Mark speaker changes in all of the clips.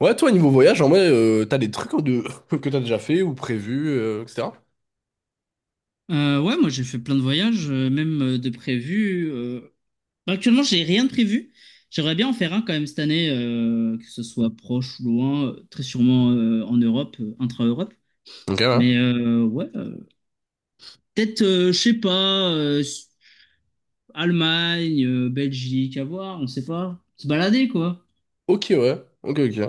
Speaker 1: Ouais, toi, niveau voyage, en vrai, t'as des trucs, hein, de... que t'as déjà fait ou prévu, etc.
Speaker 2: Ouais, moi j'ai fait plein de voyages, même de prévus. Actuellement, j'ai rien de prévu. J'aimerais bien en faire un quand même cette année, que ce soit proche ou loin, très sûrement en Europe, intra-Europe.
Speaker 1: Ok, ouais.
Speaker 2: Mais euh, ouais, euh, peut-être, je sais pas, Allemagne, Belgique, à voir, on sait pas. Se balader quoi.
Speaker 1: Ok, ouais. Ok, ok.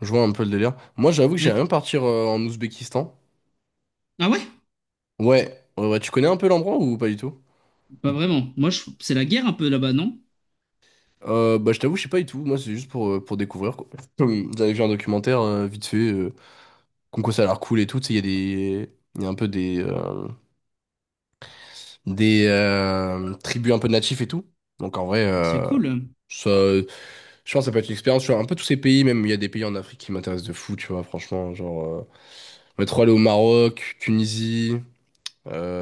Speaker 1: Je vois un peu le délire. Moi, j'avoue que j'aimerais
Speaker 2: Et-
Speaker 1: bien partir en Ouzbékistan.
Speaker 2: Ah ouais?
Speaker 1: Ouais. Ouais, ouais. Tu connais un peu l'endroit ou pas du tout?
Speaker 2: Pas vraiment. C'est la guerre un peu là-bas, non?
Speaker 1: Bah, je t'avoue, je sais pas du tout. Moi, c'est juste pour découvrir, quoi. Comme j'avais vu un documentaire, vite fait, comme quoi ça a l'air cool et tout. Tu sais, il y a des... Il y a un peu des tribus un peu natifs et tout. Donc, en vrai,
Speaker 2: C'est cool.
Speaker 1: ça... Je pense que ça peut être une expérience, tu vois, un peu tous ces pays, même il y a des pays en Afrique qui m'intéressent de fou, tu vois, franchement, genre, on est trop allé au Maroc, Tunisie,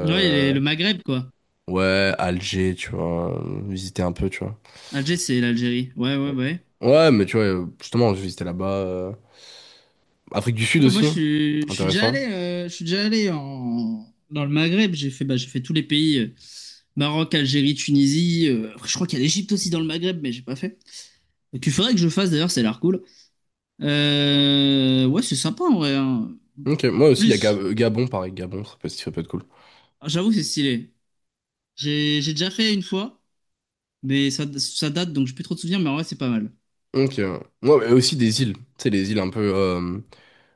Speaker 2: Le Maghreb quoi.
Speaker 1: ouais, Alger, tu vois, visiter un peu, tu vois.
Speaker 2: Alger, c'est l'Algérie. Ouais, ouais,
Speaker 1: Bon.
Speaker 2: ouais.
Speaker 1: Ouais, mais tu vois, justement, j'ai visité là-bas, Afrique du Sud
Speaker 2: Ouais, moi,
Speaker 1: aussi,
Speaker 2: je suis déjà
Speaker 1: intéressant.
Speaker 2: allé, je suis déjà dans le Maghreb. J'ai fait, bah, j'ai fait tous les pays, Maroc, Algérie, Tunisie. Après, je crois qu'il y a l'Égypte aussi dans le Maghreb, mais j'ai pas fait. Tu ferais que je le fasse d'ailleurs, c'est l'air cool. Ouais, c'est sympa en vrai. Hein.
Speaker 1: Ok, moi aussi, il y a
Speaker 2: Plus,
Speaker 1: Gabon, pareil, Gabon, ça peut être cool.
Speaker 2: ah, j'avoue, c'est stylé. J'ai déjà fait une fois, mais ça date, donc j'ai plus trop de souvenirs, mais en vrai, c'est pas mal.
Speaker 1: Ok, moi, mais aussi des îles, tu sais, les îles un peu,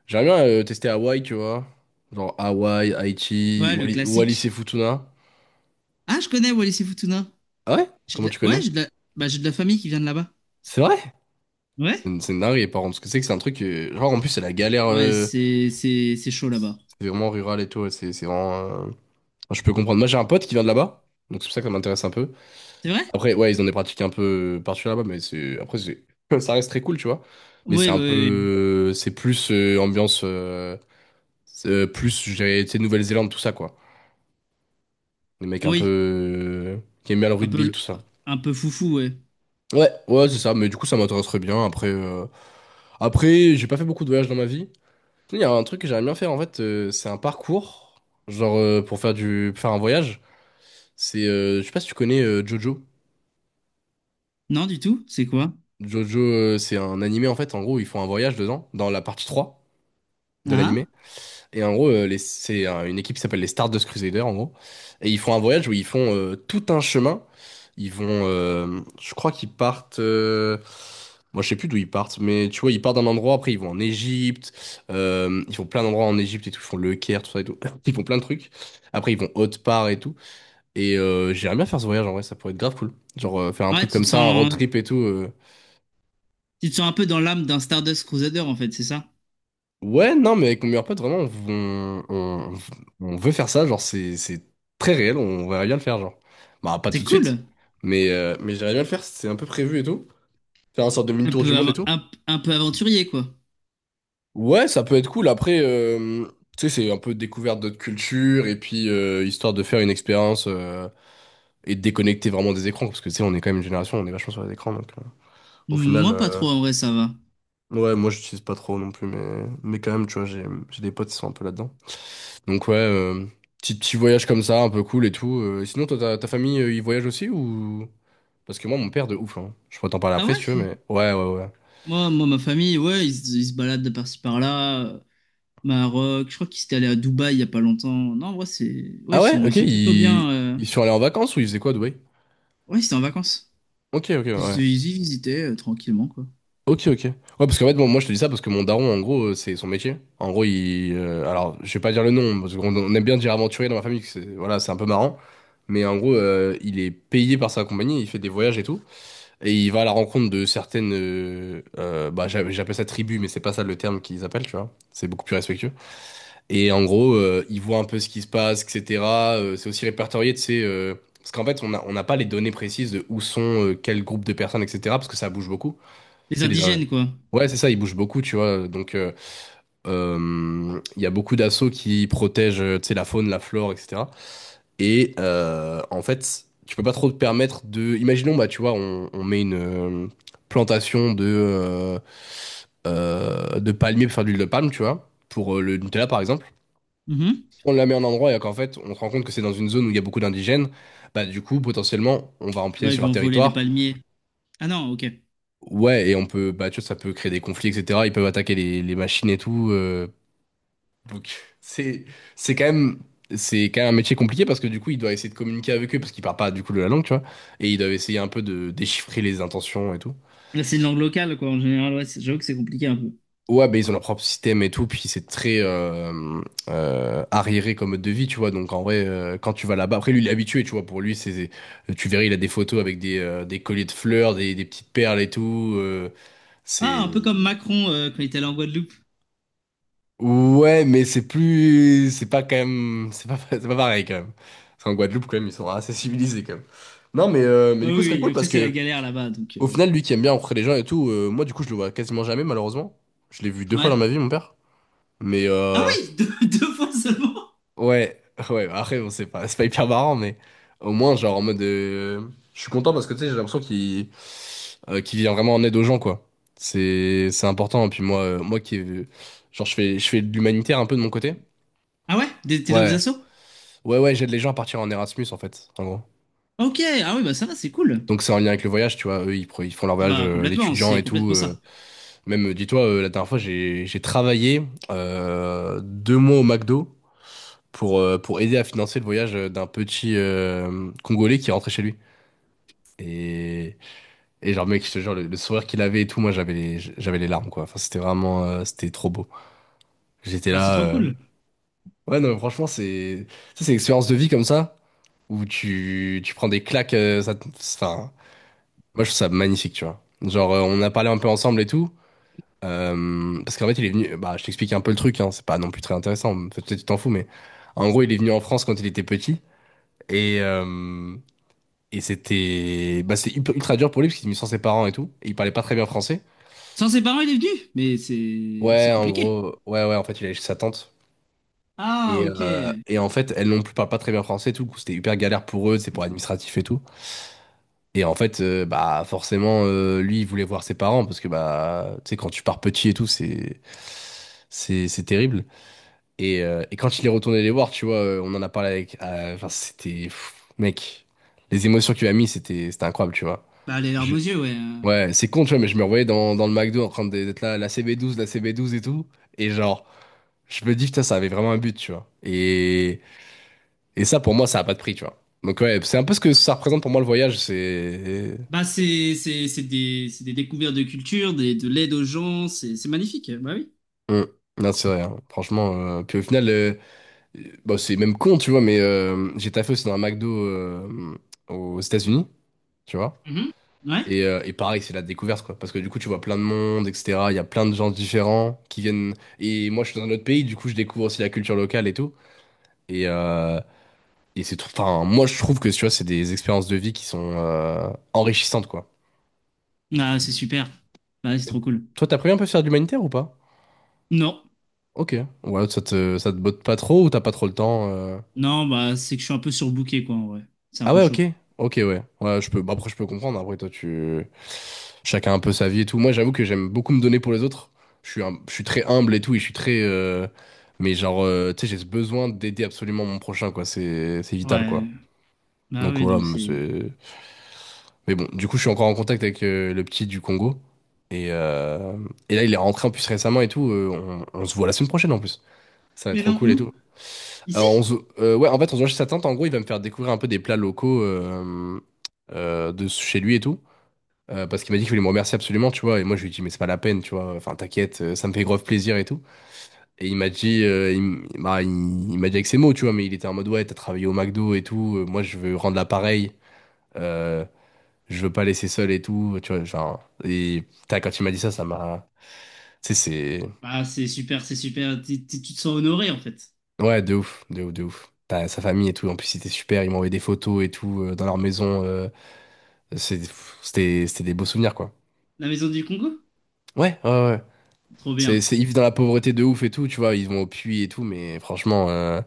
Speaker 1: j'aimerais bien tester Hawaï, tu vois, genre Hawaï, Haïti,
Speaker 2: Ouais, le
Speaker 1: Wallis
Speaker 2: classique.
Speaker 1: et Futuna.
Speaker 2: Ah, je connais Wallis et Futuna.
Speaker 1: Ah ouais? Comment tu
Speaker 2: Ouais,
Speaker 1: connais?
Speaker 2: j'ai de la... Bah, j'ai de la famille qui vient de là-bas.
Speaker 1: C'est vrai?
Speaker 2: Ouais?
Speaker 1: C'est une dinguerie, par contre, parce que c'est un truc, genre, en plus, c'est la galère,
Speaker 2: Ouais, c'est chaud là-bas.
Speaker 1: c'est vraiment rural et tout, c'est vraiment, enfin, je peux comprendre. Moi, j'ai un pote qui vient de là-bas, donc c'est pour ça que ça m'intéresse un peu.
Speaker 2: C'est vrai?
Speaker 1: Après, ouais, ils ont des pratiques un peu particulières là-bas, mais ça reste très cool, tu vois. Mais c'est
Speaker 2: Oui, oui,
Speaker 1: un
Speaker 2: oui.
Speaker 1: peu, c'est plus ambiance, c'est, plus, je dirais, tu sais, Nouvelle-Zélande, tout ça, quoi. Des mecs
Speaker 2: Oui.
Speaker 1: un peu,
Speaker 2: Oui.
Speaker 1: qui aiment bien le
Speaker 2: Un peu,
Speaker 1: rugby, tout
Speaker 2: le-
Speaker 1: ça.
Speaker 2: un peu foufou, ouais.
Speaker 1: Ouais, ouais, c'est ça, mais du coup, ça m'intéresserait bien. Après, j'ai pas fait beaucoup de voyages dans ma vie. Il y a un truc que j'aimerais bien faire en fait, c'est un parcours, genre pour faire un voyage. Je sais pas si tu connais Jojo.
Speaker 2: Non, du tout. C'est quoi?
Speaker 1: Jojo, c'est un animé en fait, en gros, ils font un voyage dedans, dans la partie 3 de l'animé.
Speaker 2: Ah,
Speaker 1: Et en gros, c'est une équipe qui s'appelle les Stardust Crusaders, en gros. Et ils font un voyage où ils font tout un chemin. Je crois qu'ils partent. Moi, je sais plus d'où ils partent, mais tu vois, ils partent d'un endroit. Après, ils vont en Égypte. Ils font plein d'endroits en Égypte et tout. Ils font le Caire, tout ça et tout. Ils font plein de trucs. Après, ils vont haute part et tout. Et j'aimerais bien faire ce voyage en vrai. Ça pourrait être grave cool. Genre faire un
Speaker 2: ah. Ouais,
Speaker 1: truc comme ça, un road trip et tout.
Speaker 2: tu te sens un peu dans l'âme d'un Stardust Crusader, en fait, c'est ça?
Speaker 1: Ouais, non, mais avec mon meilleur pote, vraiment, on veut faire ça, genre, c'est très réel, on verrait bien le faire, genre. Bah, pas tout
Speaker 2: C'est
Speaker 1: de suite,
Speaker 2: cool.
Speaker 1: mais j'aimerais bien le faire, c'est un peu prévu et tout. Faire un sorte de mini-tour du monde et tout.
Speaker 2: Un peu aventurier, quoi.
Speaker 1: Ouais, ça peut être cool, après, tu sais, c'est un peu découverte d'autres cultures, et puis, histoire de faire une expérience, et de déconnecter vraiment des écrans, parce que, tu sais, on est quand même une génération, on est vachement sur les écrans, donc, au final,
Speaker 2: Moi, pas trop, en vrai, ça va.
Speaker 1: ouais, moi, j'utilise pas trop non plus, mais quand même, tu vois, j'ai des potes qui sont un peu là-dedans. Donc ouais, petit, petit voyage comme ça, un peu cool et tout. Et sinon, toi, ta famille, ils voyagent aussi ou... Parce que moi, mon père, de ouf, hein. Je pourrais t'en parler
Speaker 2: Ah
Speaker 1: après si
Speaker 2: ouais?
Speaker 1: tu veux, mais... Ouais, ouais, ouais.
Speaker 2: Ma famille, ouais, ils se baladent de par-ci par-là. Maroc, je crois qu'ils étaient allés à Dubaï il y a pas longtemps. Non, en vrai, c'est, ouais,
Speaker 1: Ah ouais?
Speaker 2: ils
Speaker 1: Ok,
Speaker 2: sont plutôt bien. euh,
Speaker 1: ils sont allés en vacances ou ils faisaient quoi, à Dubaï?
Speaker 2: Ouais, ils étaient en vacances.
Speaker 1: Ok, ok,
Speaker 2: Ils,
Speaker 1: ouais.
Speaker 2: ils y visitaient tranquillement, quoi.
Speaker 1: Ok, ok. Ouais, parce qu'en fait, bon, moi, je te dis ça parce que mon daron, en gros, c'est son métier. En gros, alors, je vais pas dire le nom, parce qu'on aime bien dire aventurier dans ma famille, que c'est... Voilà, c'est un peu marrant. Mais en gros, il est payé par sa compagnie, il fait des voyages et tout. Et il va à la rencontre de certaines, j'appelle ça tribu, mais c'est pas ça le terme qu'ils appellent, tu vois. C'est beaucoup plus respectueux. Et en gros, il voit un peu ce qui se passe, etc. C'est aussi répertorié, tu sais, parce qu'en fait, on n'a pas les données précises de où sont, quel groupe de personnes, etc. Parce que ça bouge beaucoup.
Speaker 2: Les
Speaker 1: Tu sais,
Speaker 2: indigènes, quoi.
Speaker 1: ouais, c'est ça, ils bougent beaucoup, tu vois. Donc, il y a beaucoup d'assauts qui protègent, tu sais, la faune, la flore, etc. Et en fait, tu peux pas trop te permettre de. Imaginons, bah, tu vois, on met une plantation de palmiers pour faire de l'huile de palme, tu vois, pour le Nutella par exemple. Si on la met à un endroit et qu'en fait, on se rend compte que c'est dans une zone où il y a beaucoup d'indigènes, bah, du coup, potentiellement, on va empiéter
Speaker 2: Ouais, ils
Speaker 1: sur leur
Speaker 2: vont voler des
Speaker 1: territoire.
Speaker 2: palmiers. Ah non, ok.
Speaker 1: Ouais, et on peut, bah, tu vois, ça peut créer des conflits, etc. Ils peuvent attaquer les machines et tout. Donc c'est c'est quand même c'est quand même un métier compliqué, parce que du coup il doit essayer de communiquer avec eux, parce qu'ils parlent pas du coup de la langue, tu vois, et ils doivent essayer un peu de déchiffrer les intentions et tout.
Speaker 2: Là, c'est une langue locale, quoi. En général, ouais, j'avoue que c'est compliqué un peu.
Speaker 1: Ouais, ben ils ont leur propre système et tout, puis c'est très arriéré comme mode de vie, tu vois, donc en vrai, quand tu vas là-bas, après lui il est habitué, tu vois, pour lui c'est tu verras, il a des photos avec des colliers de fleurs, des petites perles et tout,
Speaker 2: Ah, un peu comme
Speaker 1: c'est...
Speaker 2: Macron quand il était allé en Guadeloupe.
Speaker 1: Ouais, mais c'est plus, c'est pas quand même, c'est pas, c'est pas pareil quand même. Parce qu'en Guadeloupe quand même, ils sont assez civilisés quand même. Non, mais
Speaker 2: Ah oui,
Speaker 1: du coup, ce serait
Speaker 2: oui, et
Speaker 1: cool
Speaker 2: après,
Speaker 1: parce
Speaker 2: c'est la
Speaker 1: que
Speaker 2: galère là-bas, donc...
Speaker 1: au
Speaker 2: euh,
Speaker 1: final, lui qui aime bien rencontrer les gens et tout, moi du coup, je le vois quasiment jamais malheureusement. Je l'ai vu deux fois dans
Speaker 2: Ouais.
Speaker 1: ma vie, mon père. Mais
Speaker 2: Ah oui, deux, deux fois seulement.
Speaker 1: ouais, ouais. Après, bon, c'est pas hyper marrant, mais au moins genre en mode, je suis content parce que tu sais, j'ai l'impression qu'il vient vraiment en aide aux gens, quoi. C'est important. Et puis moi, genre, je fais de l'humanitaire un peu de mon côté.
Speaker 2: Ah ouais? T'es dans des
Speaker 1: Ouais.
Speaker 2: assos?
Speaker 1: Ouais, ouais, j'aide les gens à partir en Erasmus, en fait, en gros.
Speaker 2: Ok, ah oui, bah ça va, c'est cool.
Speaker 1: Donc c'est en lien avec le voyage, tu vois, eux, ils font leur
Speaker 2: Ah
Speaker 1: voyage
Speaker 2: bah, complètement,
Speaker 1: d'étudiants
Speaker 2: c'est
Speaker 1: et tout.
Speaker 2: complètement ça.
Speaker 1: Même, dis-toi, la dernière fois, j'ai travaillé 2 mois au McDo pour aider à financer le voyage d'un petit Congolais qui rentrait chez lui. Et, et genre, mec, je te jure, le sourire qu'il avait et tout, moi, j'avais les larmes, quoi. Enfin, c'était vraiment, c'était trop beau. J'étais
Speaker 2: Bah, c'est
Speaker 1: là...
Speaker 2: trop cool.
Speaker 1: Ouais, non, mais franchement, c'est... ça, c'est une expérience de vie comme ça, où tu prends des claques, ça... enfin... Moi, je trouve ça magnifique, tu vois. Genre, on a parlé un peu ensemble et tout. Parce qu'en fait, il est venu. Bah, je t'explique un peu le truc, hein, c'est pas non plus très intéressant. Peut-être que tu t'en fous, mais en gros, il est venu en France quand il était petit. Et, euh, et c'était. Bah, c'est ultra dur pour lui parce qu'il est venu sans ses parents et tout. Et il parlait pas très bien français.
Speaker 2: Sans ses parents, il est venu, mais c'est
Speaker 1: Ouais, en
Speaker 2: compliqué.
Speaker 1: gros. Ouais, ouais, en fait, il allait chez sa tante.
Speaker 2: Ah, ok.
Speaker 1: Et en fait, elles non plus parlent pas très bien français et tout. Du coup, c'était hyper galère pour eux, c'est pour administratif et tout. Et en fait, bah forcément, lui, il voulait voir ses parents parce que bah, tu sais, quand tu pars petit et tout, c'est terrible. Et quand il est retourné les voir, tu vois, on en a parlé avec. Enfin, c'était mec, les émotions qu'il a mis, c'était c'était incroyable, tu vois.
Speaker 2: Bah, les larmes
Speaker 1: Je-
Speaker 2: aux yeux, ouais. Hein.
Speaker 1: Ouais, c'est con, tu vois, mais je me revoyais dans le McDo d'être là, la cb douze, la CB 12 et tout, et genre, je me dis putain, ça avait vraiment un but, tu vois. Et ça, pour moi, ça a pas de prix, tu vois. Donc ouais, c'est un peu ce que ça représente pour moi le voyage, c'est
Speaker 2: Bah, c'est des découvertes de culture, des, de l'aide aux gens, c'est magnifique, bah oui.
Speaker 1: Mm. Non, c'est vrai, hein. Franchement. Puis au final, bah, c'est même con, tu vois, mais j'ai taffé aussi dans un McDo aux États-Unis, tu vois.
Speaker 2: Mhm. Ouais.
Speaker 1: Et pareil, c'est la découverte, quoi. Parce que du coup, tu vois plein de monde, etc. Il y a plein de gens différents qui viennent. Et moi, je suis dans un autre pays, du coup, je découvre aussi la culture locale et tout. Et, euh, et c'est tout. Enfin, moi, je trouve que, tu vois, c'est des expériences de vie qui sont enrichissantes, quoi.
Speaker 2: Ah, c'est super. Bah, c'est
Speaker 1: Et
Speaker 2: trop cool.
Speaker 1: toi, t'as prévu un peu de faire de l'humanitaire ou pas?
Speaker 2: Non.
Speaker 1: Ok. Ouais, ça te botte pas trop ou t'as pas trop le temps?
Speaker 2: Non, bah, c'est que je suis un peu surbooké, quoi, en vrai. C'est un
Speaker 1: Ah
Speaker 2: peu
Speaker 1: ouais, ok.
Speaker 2: chaud.
Speaker 1: Ok, ouais. Ouais, je peux. Bah, après, je peux comprendre. Après, toi, tu. Chacun un peu sa vie et tout. Moi, j'avoue que j'aime beaucoup me donner pour les autres. Je suis très humble et tout. Et je suis très. Mais genre, tu sais, j'ai ce besoin d'aider absolument mon prochain, quoi. C'est vital,
Speaker 2: Ouais.
Speaker 1: quoi.
Speaker 2: Bah
Speaker 1: Donc
Speaker 2: oui, non,
Speaker 1: voilà,
Speaker 2: mais
Speaker 1: mais
Speaker 2: c'est...
Speaker 1: c'est. Mais bon, du coup, je suis encore en contact avec le petit du Congo. Et, euh, et là, il est rentré en plus récemment et tout. On... on se voit la semaine prochaine en plus. Ça va être
Speaker 2: Mais
Speaker 1: trop
Speaker 2: non,
Speaker 1: cool et tout.
Speaker 2: où? Ici?
Speaker 1: Alors, on se- ouais, en fait, on se voit chez sa tante. En gros, il va me faire découvrir un peu des plats locaux de chez lui et tout. Parce qu'il m'a dit qu'il voulait me remercier absolument, tu vois. Et moi, je lui ai dit, mais c'est pas la peine, tu vois. Enfin, t'inquiète, ça me fait grave plaisir et tout. Et il m'a dit, il, m- bah, Il m'a dit avec ses mots, tu vois. Mais il était en mode, ouais, t'as travaillé au McDo et tout. Moi, je veux rendre l'appareil. Euh, je veux pas laisser seul et tout. Tu vois, genre. Et putain, quand il m'a dit ça, ça m'a. Tu sais, c'est.
Speaker 2: Bah, c'est super, c'est super. Tu te sens honoré, en fait.
Speaker 1: Ouais, de ouf, de ouf, de ouf. T'as sa famille et tout. En plus, c'était super. Il m'a envoyé des photos et tout dans leur maison. C'est- C'était c'était des beaux souvenirs, quoi.
Speaker 2: La maison du Congo?
Speaker 1: Ouais, ouais, ouais.
Speaker 2: Trop bien.
Speaker 1: Ils vivent dans la pauvreté de ouf et tout, tu vois, ils vont au puits et tout, mais franchement,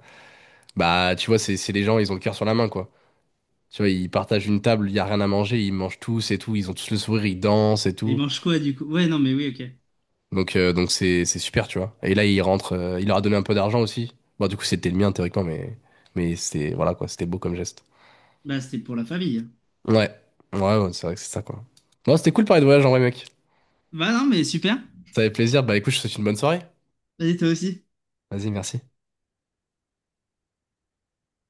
Speaker 1: bah, tu vois, c'est les gens, ils ont le cœur sur la main, quoi. Tu vois, ils partagent une table, il y a rien à manger, ils mangent tous et tout, ils ont tous le sourire, ils dansent et
Speaker 2: Et ils
Speaker 1: tout.
Speaker 2: mangent quoi, du coup? Ouais, non, mais oui, ok.
Speaker 1: Donc c'est super, tu vois. Et là, ils rentrent, il leur a donné un peu d'argent aussi. Bon, du coup, c'était le mien, théoriquement, mais c'était, voilà, quoi, c'était beau comme geste.
Speaker 2: Bah, c'était pour la famille. Hein.
Speaker 1: Ouais, ouais, ouais, c'est vrai que c'est ça, quoi. Bon, c'était cool de parler de voyage en vrai, mec.
Speaker 2: Bah non, mais super.
Speaker 1: Ça fait plaisir, bah, écoute, je te souhaite une bonne soirée.
Speaker 2: Vas-y, toi aussi.
Speaker 1: Vas-y, merci.